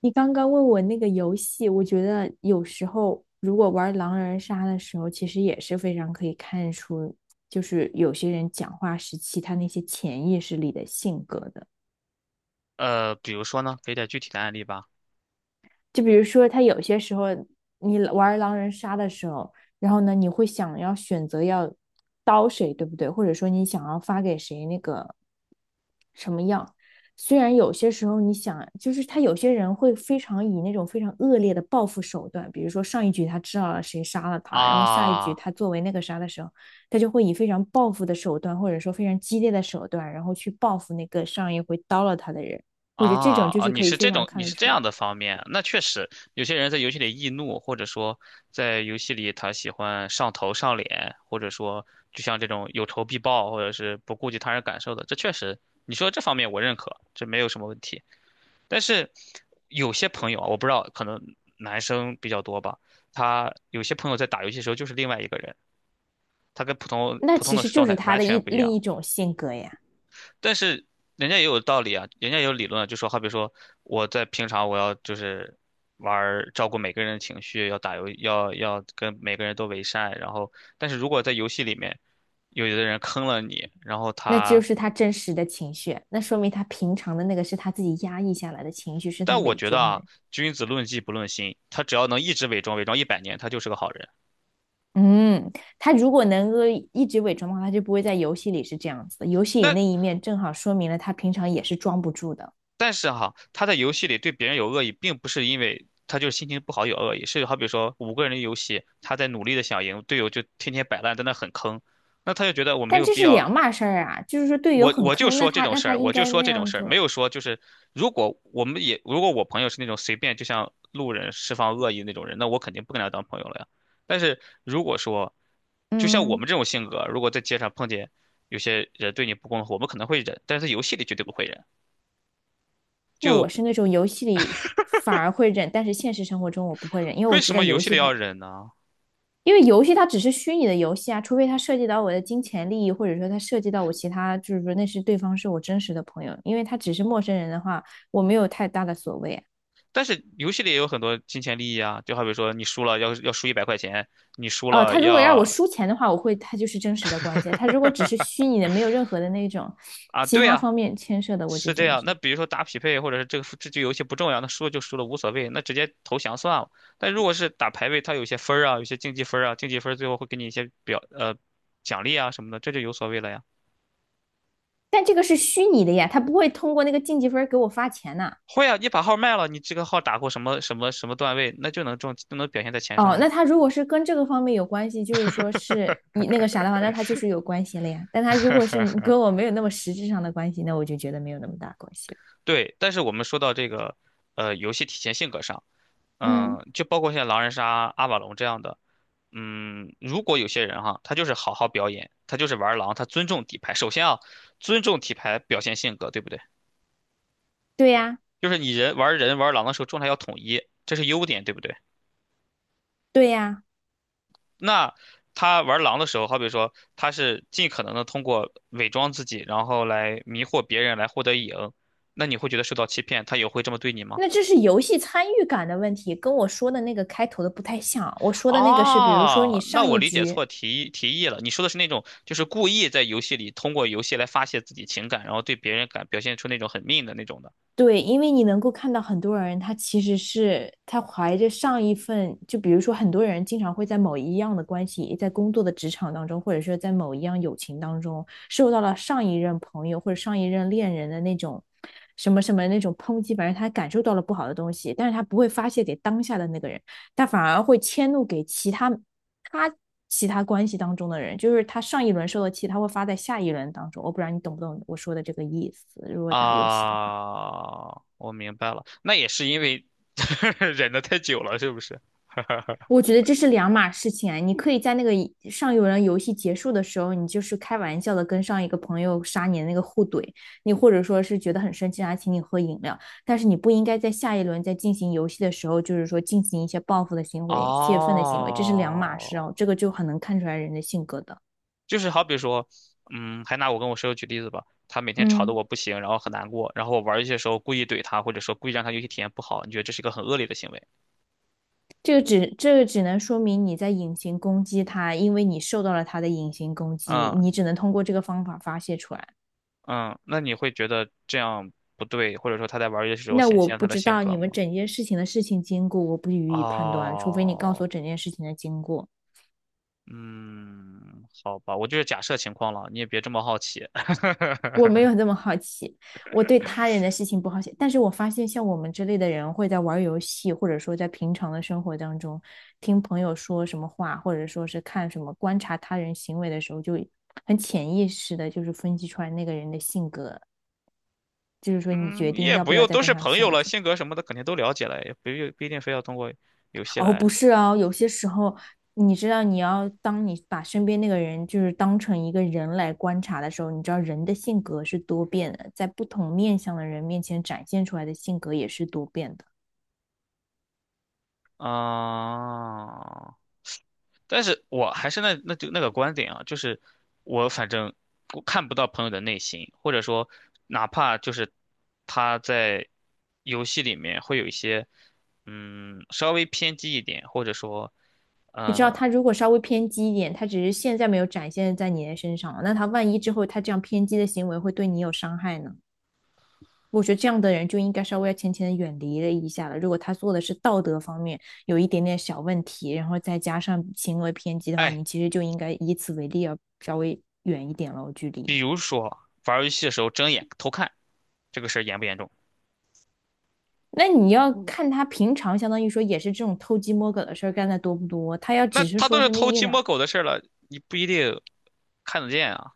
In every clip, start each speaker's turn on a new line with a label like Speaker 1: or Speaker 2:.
Speaker 1: 你刚刚问我那个游戏，我觉得有时候如果玩狼人杀的时候，其实也是非常可以看出，就是有些人讲话时期他那些潜意识里的性格的。
Speaker 2: 比如说呢，给点具体的案例吧。
Speaker 1: 就比如说，他有些时候你玩狼人杀的时候，然后呢，你会想要选择要刀谁，对不对？或者说你想要发给谁那个什么样？虽然有些时候你想，就是他有些人会非常以那种非常恶劣的报复手段，比如说上一局他知道了谁杀了他，然后下一局
Speaker 2: 啊
Speaker 1: 他作为那个杀的时候，他就会以非常报复的手段，或者说非常激烈的手段，然后去报复那个上一回刀了他的人。我觉得这种
Speaker 2: 啊
Speaker 1: 就
Speaker 2: 啊！
Speaker 1: 是
Speaker 2: 你
Speaker 1: 可以
Speaker 2: 是
Speaker 1: 非
Speaker 2: 这
Speaker 1: 常
Speaker 2: 种，
Speaker 1: 看
Speaker 2: 你
Speaker 1: 得
Speaker 2: 是这
Speaker 1: 出。
Speaker 2: 样的方面，那确实。有些人在游戏里易怒，或者说在游戏里他喜欢上头上脸，或者说就像这种有仇必报，或者是不顾及他人感受的，这确实，你说这方面我认可，这没有什么问题。但是有些朋友啊，我不知道，可能男生比较多吧，他有些朋友在打游戏的时候就是另外一个人，他跟普通
Speaker 1: 那
Speaker 2: 普通
Speaker 1: 其
Speaker 2: 的
Speaker 1: 实就
Speaker 2: 状
Speaker 1: 是
Speaker 2: 态
Speaker 1: 他
Speaker 2: 完
Speaker 1: 的
Speaker 2: 全不一
Speaker 1: 另一
Speaker 2: 样。
Speaker 1: 种性格呀，
Speaker 2: 但是人家也有道理啊，人家也有理论啊，就说好比说我在平常我要就是玩儿照顾每个人的情绪，要打游要跟每个人都为善，然后但是如果在游戏里面有的人坑了你，然后
Speaker 1: 那就
Speaker 2: 他，
Speaker 1: 是他真实的情绪，那说明他平常的那个是他自己压抑下来的情绪，是他
Speaker 2: 但我
Speaker 1: 伪
Speaker 2: 觉得
Speaker 1: 装
Speaker 2: 啊，
Speaker 1: 的。
Speaker 2: 君子论迹不论心，他只要能一直伪装100年，他就是个好人。
Speaker 1: 嗯，他如果能够一直伪装的话，他就不会在游戏里是这样子的。游戏里
Speaker 2: 那
Speaker 1: 那一面正好说明了他平常也是装不住的，
Speaker 2: 但是哈，他在游戏里对别人有恶意，并不是因为他就是心情不好有恶意，是好比说五个人的游戏，他在努力的想赢，队友就天天摆烂，在那很坑，那他就觉得我没
Speaker 1: 但
Speaker 2: 有
Speaker 1: 这
Speaker 2: 必
Speaker 1: 是
Speaker 2: 要。
Speaker 1: 两码事儿啊。就是说队友
Speaker 2: 我
Speaker 1: 很
Speaker 2: 我就
Speaker 1: 坑，那
Speaker 2: 说这
Speaker 1: 他
Speaker 2: 种
Speaker 1: 那
Speaker 2: 事
Speaker 1: 他
Speaker 2: 儿，
Speaker 1: 应
Speaker 2: 我就
Speaker 1: 该
Speaker 2: 说
Speaker 1: 那
Speaker 2: 这种
Speaker 1: 样
Speaker 2: 事儿，没
Speaker 1: 做。
Speaker 2: 有说就是如果我们也如果我朋友是那种随便就像路人释放恶意那种人，那我肯定不跟他当朋友了呀。但是如果说就像我
Speaker 1: 嗯，
Speaker 2: 们这种性格，如果在街上碰见有些人对你不公，我们可能会忍，但是在游戏里绝对不会忍。
Speaker 1: 那我
Speaker 2: 就
Speaker 1: 是那种游戏里反而会忍，但是现实生活中我不会忍，因为
Speaker 2: 为
Speaker 1: 我知
Speaker 2: 什
Speaker 1: 道
Speaker 2: 么游戏里要忍呢？
Speaker 1: 游戏它只是虚拟的游戏啊，除非它涉及到我的金钱利益，或者说它涉及到我其他，就是说那是对方是我真实的朋友，因为他只是陌生人的话，我没有太大的所谓啊。
Speaker 2: 但是游戏里也有很多金钱利益啊，就好比说你输了要输100块钱，你输
Speaker 1: 哦，
Speaker 2: 了
Speaker 1: 他如果让我
Speaker 2: 要
Speaker 1: 输钱的话，我会他就是真实的关系；他如果只是虚拟的，没有任何的那种
Speaker 2: 啊，
Speaker 1: 其
Speaker 2: 对
Speaker 1: 他
Speaker 2: 啊，
Speaker 1: 方面牵涉的，我就
Speaker 2: 是这
Speaker 1: 觉得
Speaker 2: 样。
Speaker 1: 是。
Speaker 2: 那比如说打匹配，或者是这个这局游戏不重要，那输了就输了无所谓，那直接投降算了。但如果是打排位，它有些分儿啊，有些竞技分儿啊，竞技分儿最后会给你一些表奖励啊什么的，这就有所谓了呀。
Speaker 1: 但这个是虚拟的呀，他不会通过那个晋级分给我发钱呐、
Speaker 2: 会啊，你把号卖了，你这个号打过什么什么什么段位，那就能中，就能表现在钱上
Speaker 1: 哦，
Speaker 2: 呀。
Speaker 1: 那他如果是跟这个方面有关系，就是说是 你那个啥的话，那他就是有关系了呀。但他如果是跟我没有那么实质上的关系，那我就觉得没有那么大关系了。
Speaker 2: 对，但是我们说到这个，游戏体现性格上。
Speaker 1: 嗯，
Speaker 2: 嗯，就包括像狼人杀、阿瓦隆这样的。嗯，如果有些人哈，他就是好好表演，他就是玩狼，他尊重底牌。首先啊，尊重底牌表现性格，对不对？
Speaker 1: 对呀，
Speaker 2: 就是你人玩狼的时候状态要统一，这是优点，对不对？
Speaker 1: 对呀，
Speaker 2: 那他玩狼的时候，好比说他是尽可能的通过伪装自己，然后来迷惑别人，来获得赢，那你会觉得受到欺骗，他也会这么对你吗？
Speaker 1: 那这是游戏参与感的问题，跟我说的那个开头的不太像。我说的那个是，比如说你
Speaker 2: 哦，那
Speaker 1: 上
Speaker 2: 我
Speaker 1: 一
Speaker 2: 理解
Speaker 1: 局。
Speaker 2: 错提议了。你说的是那种，就是故意在游戏里通过游戏来发泄自己情感，然后对别人感表现出那种很命的那种的
Speaker 1: 对，因为你能够看到很多人，他其实是他怀着上一份，就比如说很多人经常会在某一样的关系，在工作的职场当中，或者说在某一样友情当中，受到了上一任朋友或者上一任恋人的那种什么什么那种抨击，反正他感受到了不好的东西，但是他不会发泄给当下的那个人，他反而会迁怒给其他他其他关系当中的人，就是他上一轮受的气，他会发在下一轮当中。我不知道你懂不懂我说的这个意思，如果打游戏的话。
Speaker 2: 啊。我明白了，那也是因为 忍得太久了，是不是？
Speaker 1: 我觉得这是两码事情啊，你可以在那个上一轮游戏结束的时候，你就是开玩笑的跟上一个朋友杀你的那个互怼，你或者说是觉得很生气啊，他请你喝饮料，但是你不应该在下一轮在进行游戏的时候，就是说进行一些报复的行为、泄愤的行为，这是两码事
Speaker 2: 哦，
Speaker 1: 哦，这个就很能看出来人的性格的。
Speaker 2: 就是好比说，嗯，还拿我跟我室友举例子吧，他每天吵得
Speaker 1: 嗯，
Speaker 2: 我不行，然后很难过，然后我玩儿游戏的时候故意怼他，或者说故意让他游戏体验不好，你觉得这是一个很恶劣的行为？
Speaker 1: 这个只能说明你在隐形攻击他，因为你受到了他的隐形攻击，
Speaker 2: 嗯。
Speaker 1: 你只能通过这个方法发泄出来。
Speaker 2: 嗯，那你会觉得这样不对，或者说他在玩儿游戏的时候
Speaker 1: 那
Speaker 2: 显
Speaker 1: 我
Speaker 2: 现了他
Speaker 1: 不
Speaker 2: 的
Speaker 1: 知
Speaker 2: 性
Speaker 1: 道你
Speaker 2: 格
Speaker 1: 们
Speaker 2: 吗？
Speaker 1: 整件事情的事情经过，我不予以判断，除非你告诉
Speaker 2: 哦，
Speaker 1: 我整件事情的经过。
Speaker 2: 嗯，好吧，我就是假设情况了，你也别这么好奇。
Speaker 1: 我没有 那么好奇，我对他人的事情不好奇。但是我发现，像我们这类的人会在玩游戏，或者说在平常的生活当中，听朋友说什么话，或者说是看什么观察他人行为的时候，就很潜意识的，就是分析出来那个人的性格，就是说你
Speaker 2: 嗯，
Speaker 1: 决
Speaker 2: 你
Speaker 1: 定
Speaker 2: 也
Speaker 1: 要
Speaker 2: 不
Speaker 1: 不要
Speaker 2: 用，
Speaker 1: 再
Speaker 2: 都
Speaker 1: 跟
Speaker 2: 是
Speaker 1: 他
Speaker 2: 朋友
Speaker 1: 相
Speaker 2: 了，
Speaker 1: 处。
Speaker 2: 性格什么的肯定都了解了，也不用不一定非要通过游戏
Speaker 1: 哦，不
Speaker 2: 来。
Speaker 1: 是啊，有些时候，你知道，你要当你把身边那个人就是当成一个人来观察的时候，你知道人的性格是多变的，在不同面相的人面前展现出来的性格也是多变的。
Speaker 2: 啊、但是我还是那个观点啊，就是我反正我看不到朋友的内心，或者说哪怕就是他在游戏里面会有一些稍微偏激一点，或者说
Speaker 1: 你知道，
Speaker 2: 嗯
Speaker 1: 他如果稍微偏激一点，他只是现在没有展现在你的身上，那他万一之后他这样偏激的行为会对你有伤害呢？我觉得这样的人就应该稍微要浅浅的远离了一下了。如果他做的是道德方面有一点点小问题，然后再加上行为偏激的话，
Speaker 2: 哎，
Speaker 1: 你其实就应该以此为例，要稍微远一点了距离。
Speaker 2: 比如说玩儿游戏的时候睁眼偷看这个事儿严不严重？
Speaker 1: 那你要看他平常，相当于说也是这种偷鸡摸狗的事干的多不多。他要
Speaker 2: 那
Speaker 1: 只是
Speaker 2: 他都
Speaker 1: 说
Speaker 2: 是
Speaker 1: 是那
Speaker 2: 偷
Speaker 1: 一
Speaker 2: 鸡
Speaker 1: 两
Speaker 2: 摸狗的事儿了，你不一定看得见啊。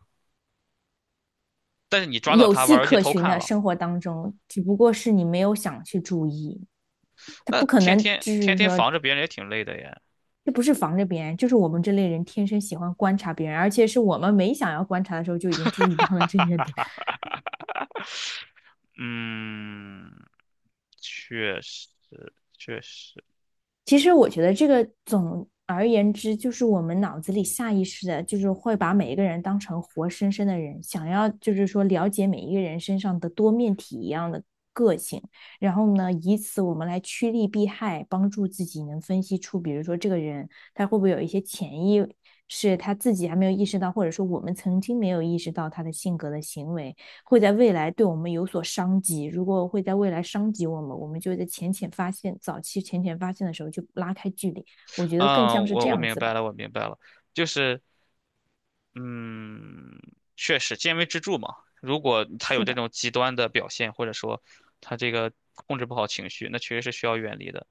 Speaker 2: 但是你抓到
Speaker 1: 有
Speaker 2: 他玩
Speaker 1: 迹
Speaker 2: 儿游戏
Speaker 1: 可
Speaker 2: 偷
Speaker 1: 循
Speaker 2: 看
Speaker 1: 的
Speaker 2: 了，
Speaker 1: 生活当中，只不过是你没有想去注意，他
Speaker 2: 那
Speaker 1: 不可
Speaker 2: 天
Speaker 1: 能
Speaker 2: 天
Speaker 1: 就
Speaker 2: 天
Speaker 1: 是
Speaker 2: 天
Speaker 1: 说
Speaker 2: 防着别人也挺累的呀。
Speaker 1: 这不是防着别人，就是我们这类人天生喜欢观察别人，而且是我们没想要观察的时候就已经注意到了这些点。
Speaker 2: 嗯，确实，确实。
Speaker 1: 其实我觉得这个总而言之，就是我们脑子里下意识的，就是会把每一个人当成活生生的人，想要就是说了解每一个人身上的多面体一样的个性，然后呢，以此我们来趋利避害，帮助自己能分析出，比如说这个人他会不会有一些潜意。识，他自己还没有意识到，或者说我们曾经没有意识到他的性格的行为，会在未来对我们有所伤及。如果会在未来伤及我们，我们就在浅浅发现、早期浅浅发现的时候就拉开距离。我觉得更
Speaker 2: 嗯，
Speaker 1: 像是
Speaker 2: 我
Speaker 1: 这
Speaker 2: 我
Speaker 1: 样
Speaker 2: 明
Speaker 1: 子
Speaker 2: 白
Speaker 1: 吧。
Speaker 2: 了，我明白了，就是，嗯，确实，见微知著嘛。如果他有
Speaker 1: 是
Speaker 2: 这
Speaker 1: 的，
Speaker 2: 种极端的表现，或者说他这个控制不好情绪，那确实是需要远离的。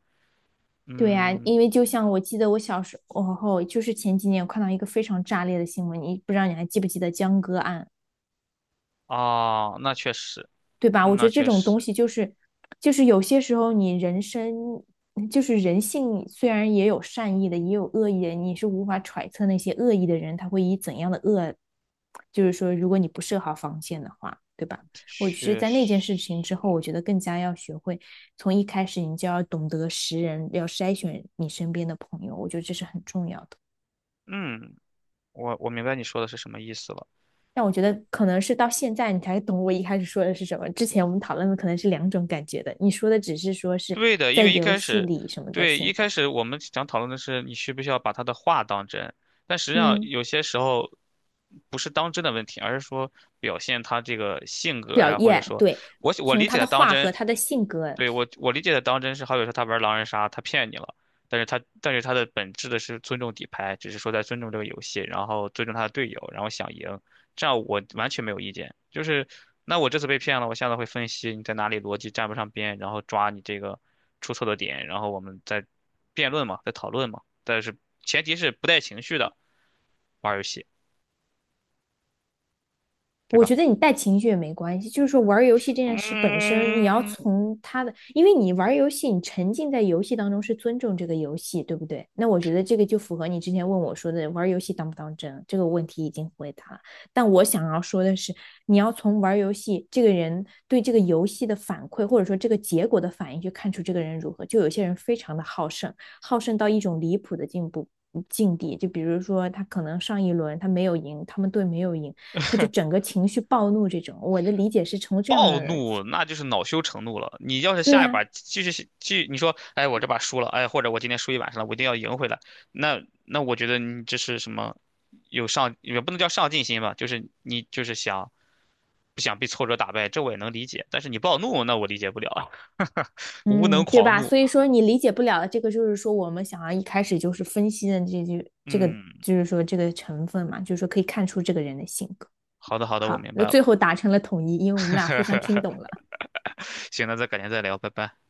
Speaker 1: 对呀、啊
Speaker 2: 嗯，
Speaker 1: 因为就像我记得我小时候，就是前几年我看到一个非常炸裂的新闻，你不知道你还记不记得江歌案？
Speaker 2: 啊，那确实，
Speaker 1: 对吧？我觉
Speaker 2: 那
Speaker 1: 得这
Speaker 2: 确
Speaker 1: 种东
Speaker 2: 实，
Speaker 1: 西就是，就是有些时候你人生就是人性，虽然也有善意的，也有恶意的，你是无法揣测那些恶意的人他会以怎样的恶，就是说，如果你不设好防线的话，对吧？我是
Speaker 2: 确
Speaker 1: 在那件事情之后，我
Speaker 2: 实。
Speaker 1: 觉得更加要学会从一开始你就要懂得识人，要筛选你身边的朋友，我觉得这是很重要的。
Speaker 2: 嗯，我明白你说的是什么意思了。
Speaker 1: 但我觉得可能是到现在你才懂我一开始说的是什么。之前我们讨论的可能是两种感觉的，你说的只是说是
Speaker 2: 对的，因
Speaker 1: 在
Speaker 2: 为一
Speaker 1: 游
Speaker 2: 开
Speaker 1: 戏
Speaker 2: 始，
Speaker 1: 里什么的
Speaker 2: 对，一
Speaker 1: 性
Speaker 2: 开
Speaker 1: 格，
Speaker 2: 始我们想讨论的是你需不需要把他的话当真，但实际上
Speaker 1: 嗯
Speaker 2: 有些时候不是当真的问题，而是说表现他这个性格
Speaker 1: 表
Speaker 2: 呀，或者
Speaker 1: 现，
Speaker 2: 说
Speaker 1: 对，
Speaker 2: 我
Speaker 1: 从
Speaker 2: 理解
Speaker 1: 他的
Speaker 2: 的当
Speaker 1: 话和
Speaker 2: 真，
Speaker 1: 他的性格。
Speaker 2: 对，我理解的当真是，好比说他玩狼人杀，他骗你了，但是他的本质的是尊重底牌，只是说在尊重这个游戏，然后尊重他的队友，然后想赢，这样我完全没有意见。就是那我这次被骗了，我下次会分析你在哪里逻辑站不上边，然后抓你这个出错的点，然后我们再辩论嘛，再讨论嘛。但是前提是不带情绪的玩儿游戏，对
Speaker 1: 我
Speaker 2: 吧？
Speaker 1: 觉得你带情绪也没关系，就是说玩游戏这件事本身，你要
Speaker 2: 嗯。
Speaker 1: 从他的，因为你玩游戏，你沉浸在游戏当中是尊重这个游戏，对不对？那我觉得这个就符合你之前问我说的玩游戏当不当真这个问题已经回答了。但我想要说的是，你要从玩游戏这个人对这个游戏的反馈，或者说这个结果的反应去看出这个人如何。就有些人非常的好胜，好胜到一种离谱的进步境地，就比如说他可能上一轮他没有赢，他们队没有赢。他就 整个情绪暴怒这种。我的理解是从这样
Speaker 2: 暴
Speaker 1: 的，
Speaker 2: 怒，那就是恼羞成怒了。你要是
Speaker 1: 对
Speaker 2: 下一
Speaker 1: 呀、啊
Speaker 2: 把继续，你说，哎，我这把输了，哎，或者我今天输一晚上了，我一定要赢回来。那我觉得你这是什么？有上也不能叫上进心吧，就是你就是想不想被挫折打败，这我也能理解。但是你暴怒，那我理解不了啊。无能
Speaker 1: 嗯，对
Speaker 2: 狂
Speaker 1: 吧？
Speaker 2: 怒。
Speaker 1: 所以说你理解不了这个，就是说我们想要一开始就是分析的这句这个，
Speaker 2: 嗯，
Speaker 1: 就是说这个成分嘛，就是说可以看出这个人的性格。
Speaker 2: 好的好的，我
Speaker 1: 好，
Speaker 2: 明
Speaker 1: 那
Speaker 2: 白
Speaker 1: 最
Speaker 2: 了。
Speaker 1: 后达成了统一，因为我们俩互相听懂 了。
Speaker 2: 行，那再改天再聊，拜拜。